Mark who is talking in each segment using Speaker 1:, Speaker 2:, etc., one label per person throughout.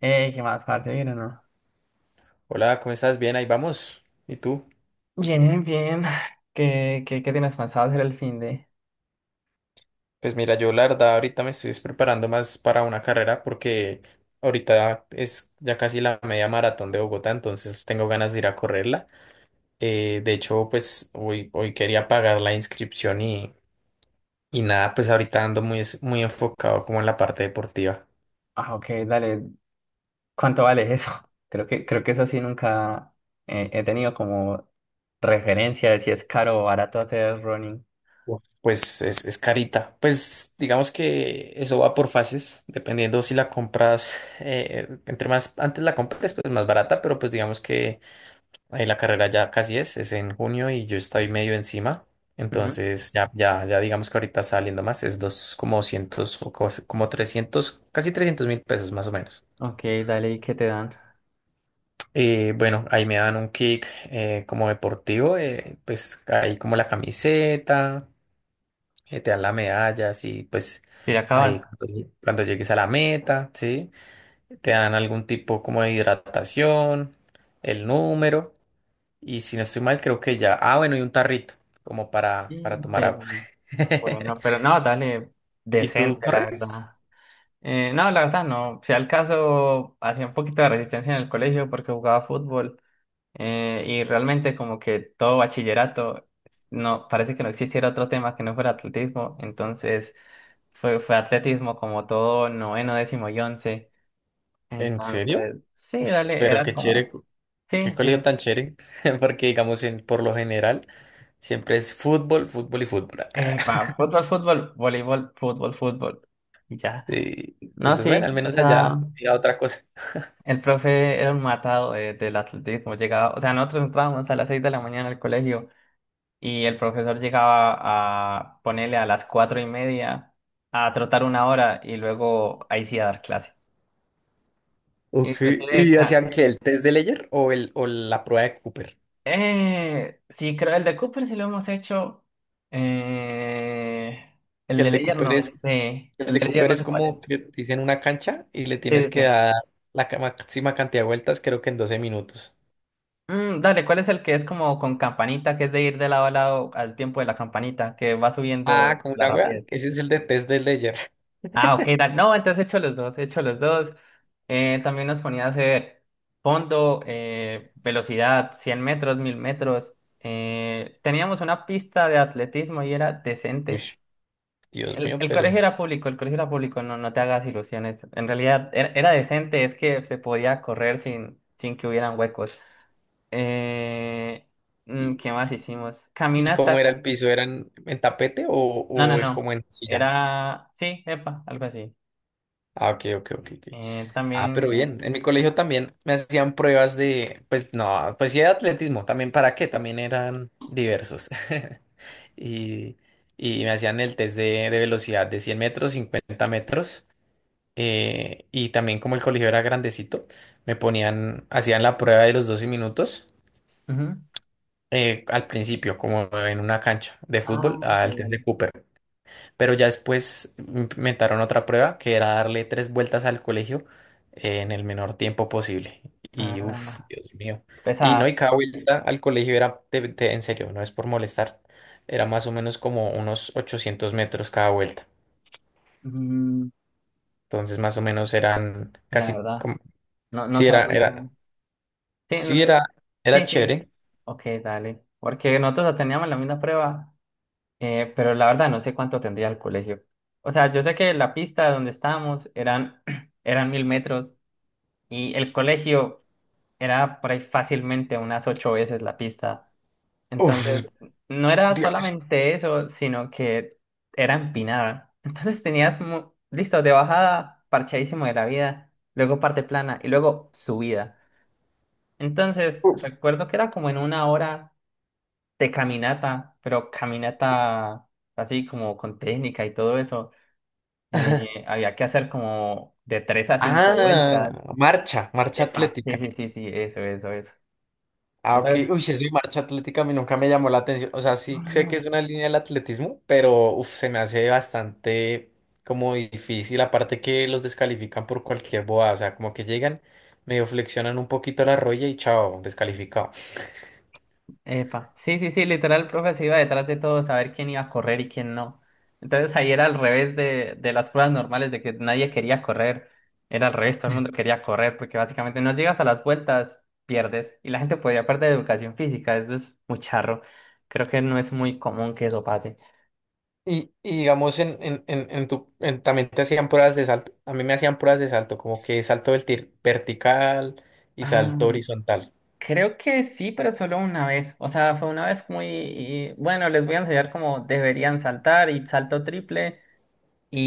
Speaker 1: ¿Qué más, parce? ¿Bien o no?
Speaker 2: Hola, ¿cómo estás? Bien, ahí vamos. ¿Y tú?
Speaker 1: Bien, bien. ¿Qué tienes pensado hacer el fin de...?
Speaker 2: Pues mira, yo la verdad ahorita me estoy preparando más para una carrera porque ahorita es ya casi la media maratón de Bogotá, entonces tengo ganas de ir a correrla. De hecho, pues hoy quería pagar la inscripción y nada, pues ahorita ando muy enfocado como en la parte deportiva.
Speaker 1: Ah, ok, dale. ¿Cuánto vale eso? Creo que eso sí nunca he tenido como referencia de si es caro o barato hacer running.
Speaker 2: Uf, pues es carita. Pues digamos que eso va por fases, dependiendo si la compras, entre más antes la compres, pues más barata, pero pues digamos que ahí la carrera ya casi es en junio y yo estoy medio encima.
Speaker 1: Ujú.
Speaker 2: Entonces, ya digamos que ahorita está saliendo más, como 200 o como 300, casi 300 mil pesos más o menos.
Speaker 1: Ok, dale, ¿y qué te dan?
Speaker 2: Bueno, ahí me dan un kick como deportivo, pues ahí como la camiseta, te dan la medalla, sí, pues
Speaker 1: ¿Y ya acabas?
Speaker 2: ahí cuando llegues a la meta, ¿sí? Te dan algún tipo como de hidratación, el número. Y si no estoy mal, creo que ya. Ah, bueno, y un tarrito, como para
Speaker 1: Y
Speaker 2: tomar
Speaker 1: te-
Speaker 2: agua.
Speaker 1: Bueno, pero no, dale,
Speaker 2: ¿Y tú
Speaker 1: decente, la
Speaker 2: corres?
Speaker 1: verdad. No, la verdad no. Si al caso, hacía un poquito de resistencia en el colegio porque jugaba fútbol. Y realmente como que todo bachillerato, no, parece que no existiera otro tema que no fuera atletismo, entonces fue atletismo como todo noveno, décimo y once,
Speaker 2: ¿En serio?
Speaker 1: entonces sí,
Speaker 2: Uy,
Speaker 1: dale,
Speaker 2: pero
Speaker 1: era
Speaker 2: qué chévere,
Speaker 1: como, sí,
Speaker 2: qué colegio
Speaker 1: sí,
Speaker 2: tan chévere. Porque, digamos, en, por lo general, siempre es fútbol, fútbol y fútbol.
Speaker 1: fútbol, fútbol, voleibol, fútbol, fútbol, y ya.
Speaker 2: Sí.
Speaker 1: No,
Speaker 2: Entonces, bueno,
Speaker 1: sí,
Speaker 2: al
Speaker 1: o
Speaker 2: menos
Speaker 1: sea,
Speaker 2: allá era otra cosa.
Speaker 1: el profe era un matado del atletismo, llegaba, o sea, nosotros entrábamos a las 6 de la mañana al colegio y el profesor llegaba a ponerle a las 4:30 a trotar una hora y luego ahí sí a dar clase.
Speaker 2: Ok,
Speaker 1: Inclusive,
Speaker 2: ¿y
Speaker 1: ca-
Speaker 2: hacían que el test de Leyer o la prueba de Cooper?
Speaker 1: sí, creo el de Cooper sí lo hemos hecho. Eh, el
Speaker 2: Que
Speaker 1: de
Speaker 2: el de
Speaker 1: Ledger
Speaker 2: Cooper
Speaker 1: no
Speaker 2: es,
Speaker 1: sé.
Speaker 2: el
Speaker 1: El
Speaker 2: de
Speaker 1: de Ledger
Speaker 2: Cooper
Speaker 1: no
Speaker 2: es
Speaker 1: sé cuál es.
Speaker 2: como que te dicen una cancha y le
Speaker 1: Sí,
Speaker 2: tienes
Speaker 1: sí,
Speaker 2: que
Speaker 1: sí.
Speaker 2: dar la máxima cantidad de vueltas, creo que en 12 minutos.
Speaker 1: Dale, ¿cuál es el que es como con campanita, que es de ir de lado a lado al tiempo de la campanita, que va
Speaker 2: Ah,
Speaker 1: subiendo
Speaker 2: como
Speaker 1: la
Speaker 2: una wea.
Speaker 1: rapidez?
Speaker 2: Ese es el de test del Ledger.
Speaker 1: Ah, ok, dale. No, entonces he hecho los dos, he hecho los dos. También nos ponía a hacer fondo, velocidad, 100 metros, 1.000 metros. Teníamos una pista de atletismo y era
Speaker 2: Uy,
Speaker 1: decente.
Speaker 2: Dios
Speaker 1: El,
Speaker 2: mío,
Speaker 1: el
Speaker 2: pero.
Speaker 1: colegio era público, el colegio era público, no, no te hagas ilusiones. En realidad era decente, es que se podía correr sin que hubieran huecos. Eh,
Speaker 2: ¿Y,
Speaker 1: ¿Qué más hicimos?
Speaker 2: y cómo
Speaker 1: Caminata.
Speaker 2: era el piso? ¿Eran en tapete o,
Speaker 1: No, no,
Speaker 2: o
Speaker 1: no.
Speaker 2: como en silla?
Speaker 1: Era, sí, epa, algo así.
Speaker 2: Ah, ok, ok, ok, ok. Ah,
Speaker 1: También,
Speaker 2: pero
Speaker 1: sí.
Speaker 2: bien. En mi colegio también me hacían pruebas de. Pues no, pues sí, de atletismo. También, ¿para qué? También eran diversos. Y, y me hacían el test de velocidad de 100 metros, 50 metros. Y también, como el colegio era grandecito, me ponían. Hacían la prueba de los 12 minutos.
Speaker 1: Ujú.
Speaker 2: Al principio, como en una cancha de
Speaker 1: Ah,
Speaker 2: fútbol,
Speaker 1: ok,
Speaker 2: al test de
Speaker 1: vale.
Speaker 2: Cooper. Pero ya después inventaron otra prueba que era darle tres vueltas al colegio, en el menor tiempo posible. Y uff,
Speaker 1: Ah,
Speaker 2: Dios mío.
Speaker 1: pesa.
Speaker 2: Y no, y cada vuelta al colegio era, en serio, no es por molestar, era más o menos como unos 800 metros cada vuelta.
Speaker 1: Mm,
Speaker 2: Entonces, más o menos eran
Speaker 1: sí, la
Speaker 2: casi
Speaker 1: verdad,
Speaker 2: como,
Speaker 1: no, no
Speaker 2: sí, era,
Speaker 1: sabía.
Speaker 2: era,
Speaker 1: Sí, no,
Speaker 2: sí, era
Speaker 1: sí, sí.
Speaker 2: chévere.
Speaker 1: Ok, dale. Porque nosotros la teníamos la misma prueba, pero la verdad no sé cuánto tendría el colegio. O sea, yo sé que la pista donde estábamos eran, eran 1.000 metros y el colegio era por ahí fácilmente unas ocho veces la pista. Entonces,
Speaker 2: Uf,
Speaker 1: no era
Speaker 2: Dios.
Speaker 1: solamente eso, sino que era empinada. Entonces tenías, listo, de bajada, parchadísimo de la vida, luego parte plana y luego subida. Entonces, recuerdo que era como en una hora de caminata, pero caminata así como con técnica y todo eso. Había que hacer como de tres a cinco
Speaker 2: Ah,
Speaker 1: vueltas.
Speaker 2: marcha
Speaker 1: Epa, sí,
Speaker 2: atlética.
Speaker 1: sí, sí, sí, eso, eso, eso.
Speaker 2: Ah, ok.
Speaker 1: Entonces,
Speaker 2: Uy, si soy marcha atlética, a mí nunca me llamó la atención. O sea,
Speaker 1: no,
Speaker 2: sí
Speaker 1: no,
Speaker 2: sé que
Speaker 1: no.
Speaker 2: es una línea del atletismo, pero uf, se me hace bastante como difícil. Aparte que los descalifican por cualquier bobada. O sea, como que llegan, medio flexionan un poquito la rodilla y chao, descalificado.
Speaker 1: Epa, sí, sí, sí, literal el profe se iba detrás de todo, saber quién iba a correr y quién no. Entonces ahí era al revés de las pruebas normales, de que nadie quería correr. Era al revés, todo el mundo quería correr, porque básicamente no llegas a las vueltas, pierdes. Y la gente podía perder educación física, eso es muy charro. Creo que no es muy común que eso pase.
Speaker 2: Y digamos, también te hacían pruebas de salto. A mí me hacían pruebas de salto, como que salto vertical y salto
Speaker 1: Ah,
Speaker 2: horizontal.
Speaker 1: creo que sí, pero solo una vez. O sea, fue una vez muy... bueno, les voy a enseñar cómo deberían saltar y salto triple.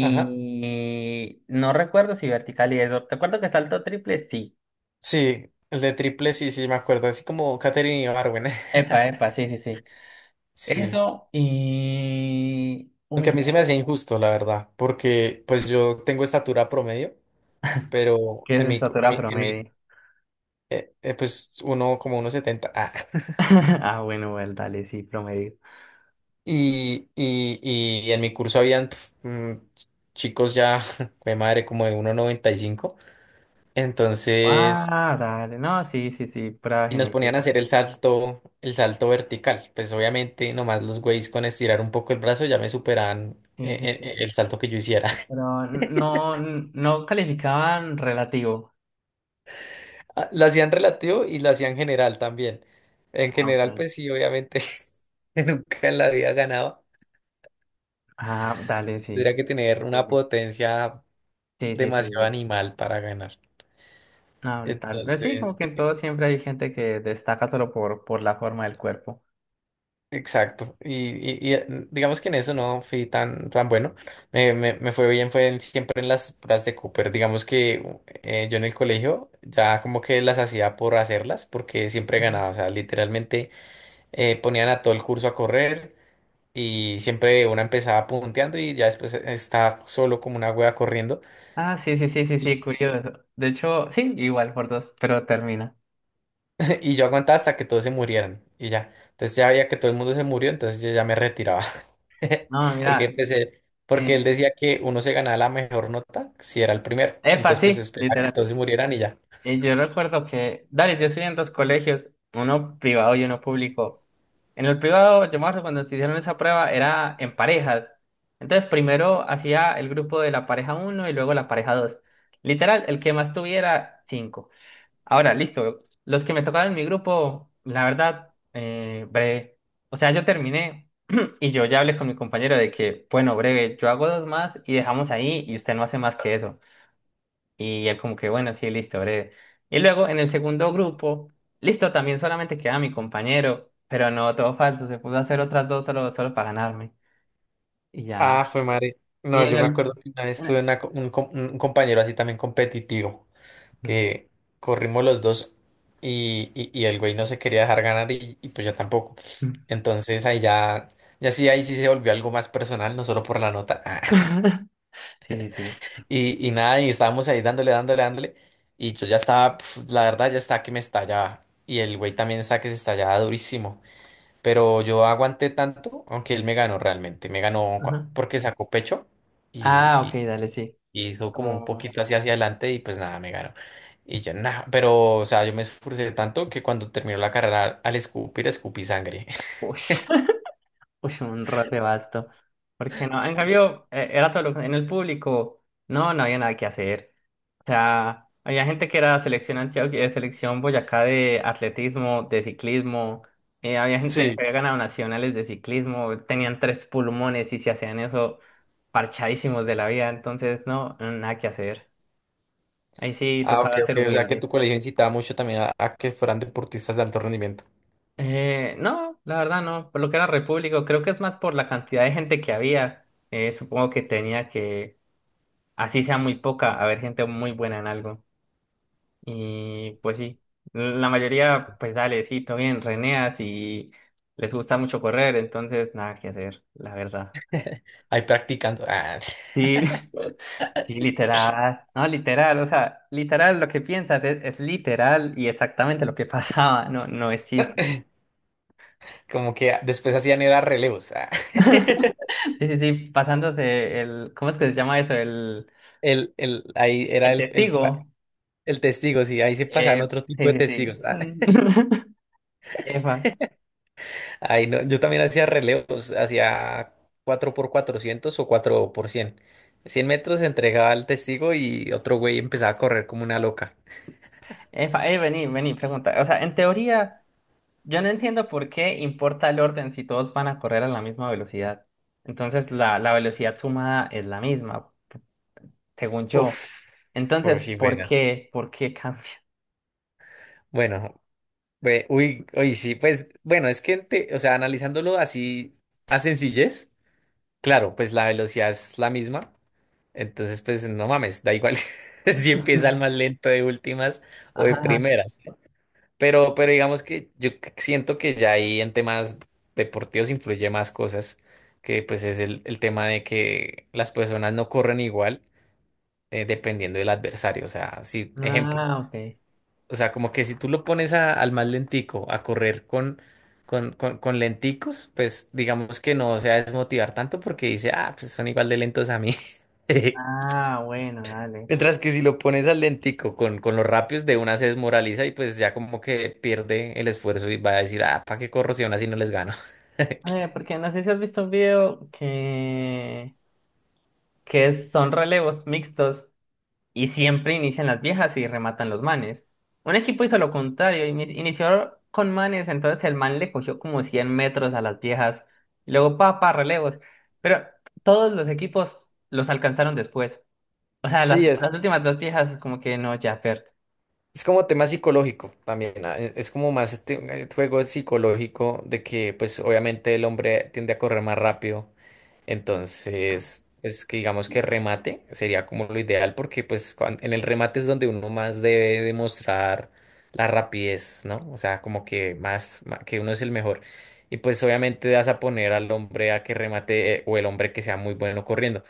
Speaker 2: Ajá.
Speaker 1: no recuerdo si vertical y eso. Recuerdo que salto triple, sí.
Speaker 2: Sí, el de triple, sí, sí, me acuerdo. Así como Katherine Ibargüen.
Speaker 1: Epa, epa, sí, sí, sí.
Speaker 2: Sí.
Speaker 1: Eso y...
Speaker 2: Aunque a
Speaker 1: Uy,
Speaker 2: mí se me
Speaker 1: dale,
Speaker 2: hacía injusto, la verdad, porque pues yo tengo estatura promedio, pero
Speaker 1: ¿qué es
Speaker 2: en mi, co-
Speaker 1: estatura
Speaker 2: mi- en mi
Speaker 1: promedio?
Speaker 2: pues uno como 1,70. Ah.
Speaker 1: Ah, bueno, bueno, dale, sí, promedio.
Speaker 2: Y, y, y en mi curso habían chicos ya, de madre, como de 1,95. Entonces...
Speaker 1: Ah, dale, no, sí, sí, sí, prueba
Speaker 2: Y nos ponían a
Speaker 1: genética.
Speaker 2: hacer el salto vertical. Pues obviamente nomás los güeyes con estirar un poco el brazo ya me superaban,
Speaker 1: Sí, sí, sí.
Speaker 2: el salto que yo hiciera.
Speaker 1: Pero no calificaban relativo.
Speaker 2: Ah, lo hacían relativo y lo hacían general también. En
Speaker 1: Ah,
Speaker 2: general,
Speaker 1: ok.
Speaker 2: pues sí, obviamente nunca en la vida ganaba.
Speaker 1: Ah, dale, sí.
Speaker 2: Tendría que tener una
Speaker 1: Comprendible.
Speaker 2: potencia
Speaker 1: Sí, sí,
Speaker 2: demasiado
Speaker 1: sí.
Speaker 2: animal para ganar.
Speaker 1: Ah, brutal. Pero sí, como
Speaker 2: Entonces,
Speaker 1: que en todo siempre hay gente que destaca solo por la forma del cuerpo.
Speaker 2: exacto, y- y, eh, digamos que en eso no fui tan bueno, me fue bien, siempre en las pruebas de Cooper, digamos que yo en el colegio ya como que las hacía por hacerlas, porque siempre
Speaker 1: Ujú.
Speaker 2: ganaba, o sea, literalmente, ponían a todo el curso a correr y siempre una empezaba punteando y ya después, estaba solo como una wea corriendo.
Speaker 1: Ah, sí, sí, sí, sí, sí, curioso. De hecho, sí, igual por dos, pero termina.
Speaker 2: Y yo aguantaba hasta que todos se murieran y ya. Entonces ya veía que todo el mundo se murió, entonces yo ya me retiraba.
Speaker 1: No,
Speaker 2: Porque
Speaker 1: mira,
Speaker 2: empecé, porque él
Speaker 1: eh,
Speaker 2: decía que uno se ganaba la mejor nota si era el primero.
Speaker 1: epa,
Speaker 2: Entonces pues
Speaker 1: sí,
Speaker 2: esperaba que
Speaker 1: literal.
Speaker 2: todos se murieran y ya.
Speaker 1: Yo recuerdo que, dale, yo estudié en dos colegios, uno privado y uno público. En el privado, yo me acuerdo cuando se hicieron esa prueba, era en parejas. Entonces, primero hacía el grupo de la pareja uno y luego la pareja dos. Literal, el que más tuviera, cinco. Ahora, listo. Los que me tocaron en mi grupo, la verdad, breve. O sea, yo terminé y yo ya hablé con mi compañero de que, bueno, breve, yo hago dos más y dejamos ahí y usted no hace más que eso. Y él como que, bueno, sí, listo, breve. Y luego en el segundo grupo, listo, también solamente queda mi compañero, pero no, todo falso, se pudo hacer otras dos solo para ganarme. Y ya.
Speaker 2: Ah, fue madre.
Speaker 1: Y
Speaker 2: No,
Speaker 1: en
Speaker 2: yo me
Speaker 1: el...
Speaker 2: acuerdo que una vez tuve una co- un, com- un compañero así también competitivo, que corrimos los dos y, y el güey no se quería dejar ganar y pues yo tampoco. Entonces ahí ya sí, ahí sí se volvió algo más personal, no solo por la nota.
Speaker 1: Sí, sí, sí.
Speaker 2: Y nada, y estábamos ahí dándole, dándole, dándole. Y yo ya estaba, la verdad, ya estaba que me estallaba. Y el güey también estaba que se estallaba durísimo. Pero yo aguanté tanto, aunque él me ganó realmente. Me ganó
Speaker 1: Ajá.
Speaker 2: porque sacó pecho y,
Speaker 1: Ah, ok,
Speaker 2: y-
Speaker 1: dale, sí.
Speaker 2: y hizo como un
Speaker 1: Como...
Speaker 2: poquito así hacia adelante y pues nada, me ganó. Y yo nada, pero o sea, yo me esforcé tanto que cuando terminó la carrera al escupir, escupí sangre.
Speaker 1: Uy. Uy, un roce vasto. Porque no, en
Speaker 2: Sí.
Speaker 1: cambio, era todo en el público, no había nada que hacer. O sea, había gente que era selección Antioquia, selección Boyacá de atletismo, de ciclismo. Había gente que
Speaker 2: Sí.
Speaker 1: había ganado nacionales de ciclismo, tenían tres pulmones y se hacían eso parchadísimos de la vida. Entonces, no, nada que hacer. Ahí sí
Speaker 2: Ah, ok,
Speaker 1: tocaba
Speaker 2: ok.
Speaker 1: ser
Speaker 2: O sea que
Speaker 1: humilde.
Speaker 2: tu colegio incitaba mucho también a que fueran deportistas de alto rendimiento.
Speaker 1: No, la verdad no. Por lo que era Repúblico, creo que es más por la cantidad de gente que había. Supongo que tenía que así sea muy poca, haber gente muy buena en algo. Y pues sí, la mayoría, pues dale, sí, todo bien, reneas y les gusta mucho correr, entonces nada que hacer, la verdad.
Speaker 2: Ahí practicando. Ah,
Speaker 1: Sí, sí, literal, no, literal, o sea, literal lo que piensas es literal y exactamente lo que pasaba, no, no es chiste.
Speaker 2: como que después hacían era relevos. Ah.
Speaker 1: Sí, sí, sí, pasándose el, ¿cómo es que se llama eso? El,
Speaker 2: Ahí era
Speaker 1: el
Speaker 2: el, el, pa-
Speaker 1: testigo.
Speaker 2: el testigo, sí, ahí se
Speaker 1: Eh,
Speaker 2: pasaban otro tipo de
Speaker 1: sí, sí,
Speaker 2: testigos. Ah.
Speaker 1: sí. Efa.
Speaker 2: Ahí no, yo también hacía relevos, hacía 4x400 o 4 por Cien metros se entregaba al testigo y otro güey empezaba a correr como una loca.
Speaker 1: Epa, vení, vení, pregunta. O sea, en teoría, yo no entiendo por qué importa el orden si todos van a correr a la misma velocidad. Entonces, la velocidad sumada es la misma, según yo.
Speaker 2: Uf,
Speaker 1: Entonces,
Speaker 2: uy, sí,
Speaker 1: ¿por
Speaker 2: bueno.
Speaker 1: qué? ¿Por qué cambia?
Speaker 2: Bueno, uy, sí, pues, bueno, es que, o sea, analizándolo así a sencillez, claro, pues la velocidad es la misma, entonces, pues no mames, da igual si empieza el
Speaker 1: Ujú.
Speaker 2: más lento de últimas o de
Speaker 1: Ajá.
Speaker 2: primeras, ¿no? Pero digamos que yo siento que ya ahí en temas deportivos influye más cosas, que pues es el tema de que las personas no corren igual, dependiendo del adversario. O sea, si, ejemplo,
Speaker 1: Ah, ok.
Speaker 2: o sea, como que si tú lo pones al más lentico a correr con lenticos, pues digamos que no se va a desmotivar tanto porque dice, ah, pues son igual de lentos a mí.
Speaker 1: Ah, bueno, dale.
Speaker 2: Mientras que si lo pones al lentico con los rápidos, de una se desmoraliza y pues ya como que pierde el esfuerzo y va a decir, ah, ¿para qué corro si aún así no les gano?
Speaker 1: Porque no sé si has visto un video que son relevos mixtos. Y siempre inician las viejas y rematan los manes. Un equipo hizo lo contrario, inició con manes, entonces el man le cogió como 100 metros a las viejas, y luego pa, pa, relevos. Pero todos los equipos los alcanzaron después. O sea, las,
Speaker 2: Sí, es,
Speaker 1: las últimas dos viejas como que no, ya, per.
Speaker 2: es como tema psicológico también, ah, es como más este, juego psicológico de que pues obviamente el hombre tiende a correr más rápido. Entonces, es que digamos que remate sería como lo ideal porque pues en el remate es donde uno más debe demostrar la rapidez, ¿no? O sea, como que más que uno es el mejor. Y pues obviamente vas a poner al hombre a que remate, o el hombre que sea muy bueno corriendo.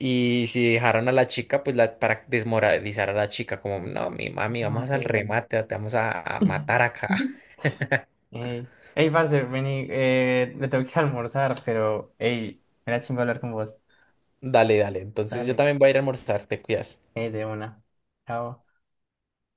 Speaker 2: Y si dejaron a la chica, pues para desmoralizar a la chica, como, no, mi
Speaker 1: Ah,
Speaker 2: mami,
Speaker 1: ok,
Speaker 2: vamos al
Speaker 1: dale.
Speaker 2: remate, te vamos a matar acá.
Speaker 1: Ey, ey, parce, vení, me tengo que almorzar, pero, ey, era chingo hablar con vos.
Speaker 2: Dale, dale. Entonces yo
Speaker 1: Dale,
Speaker 2: también voy a ir a almorzar, te cuidas.
Speaker 1: ey, de una. Chao.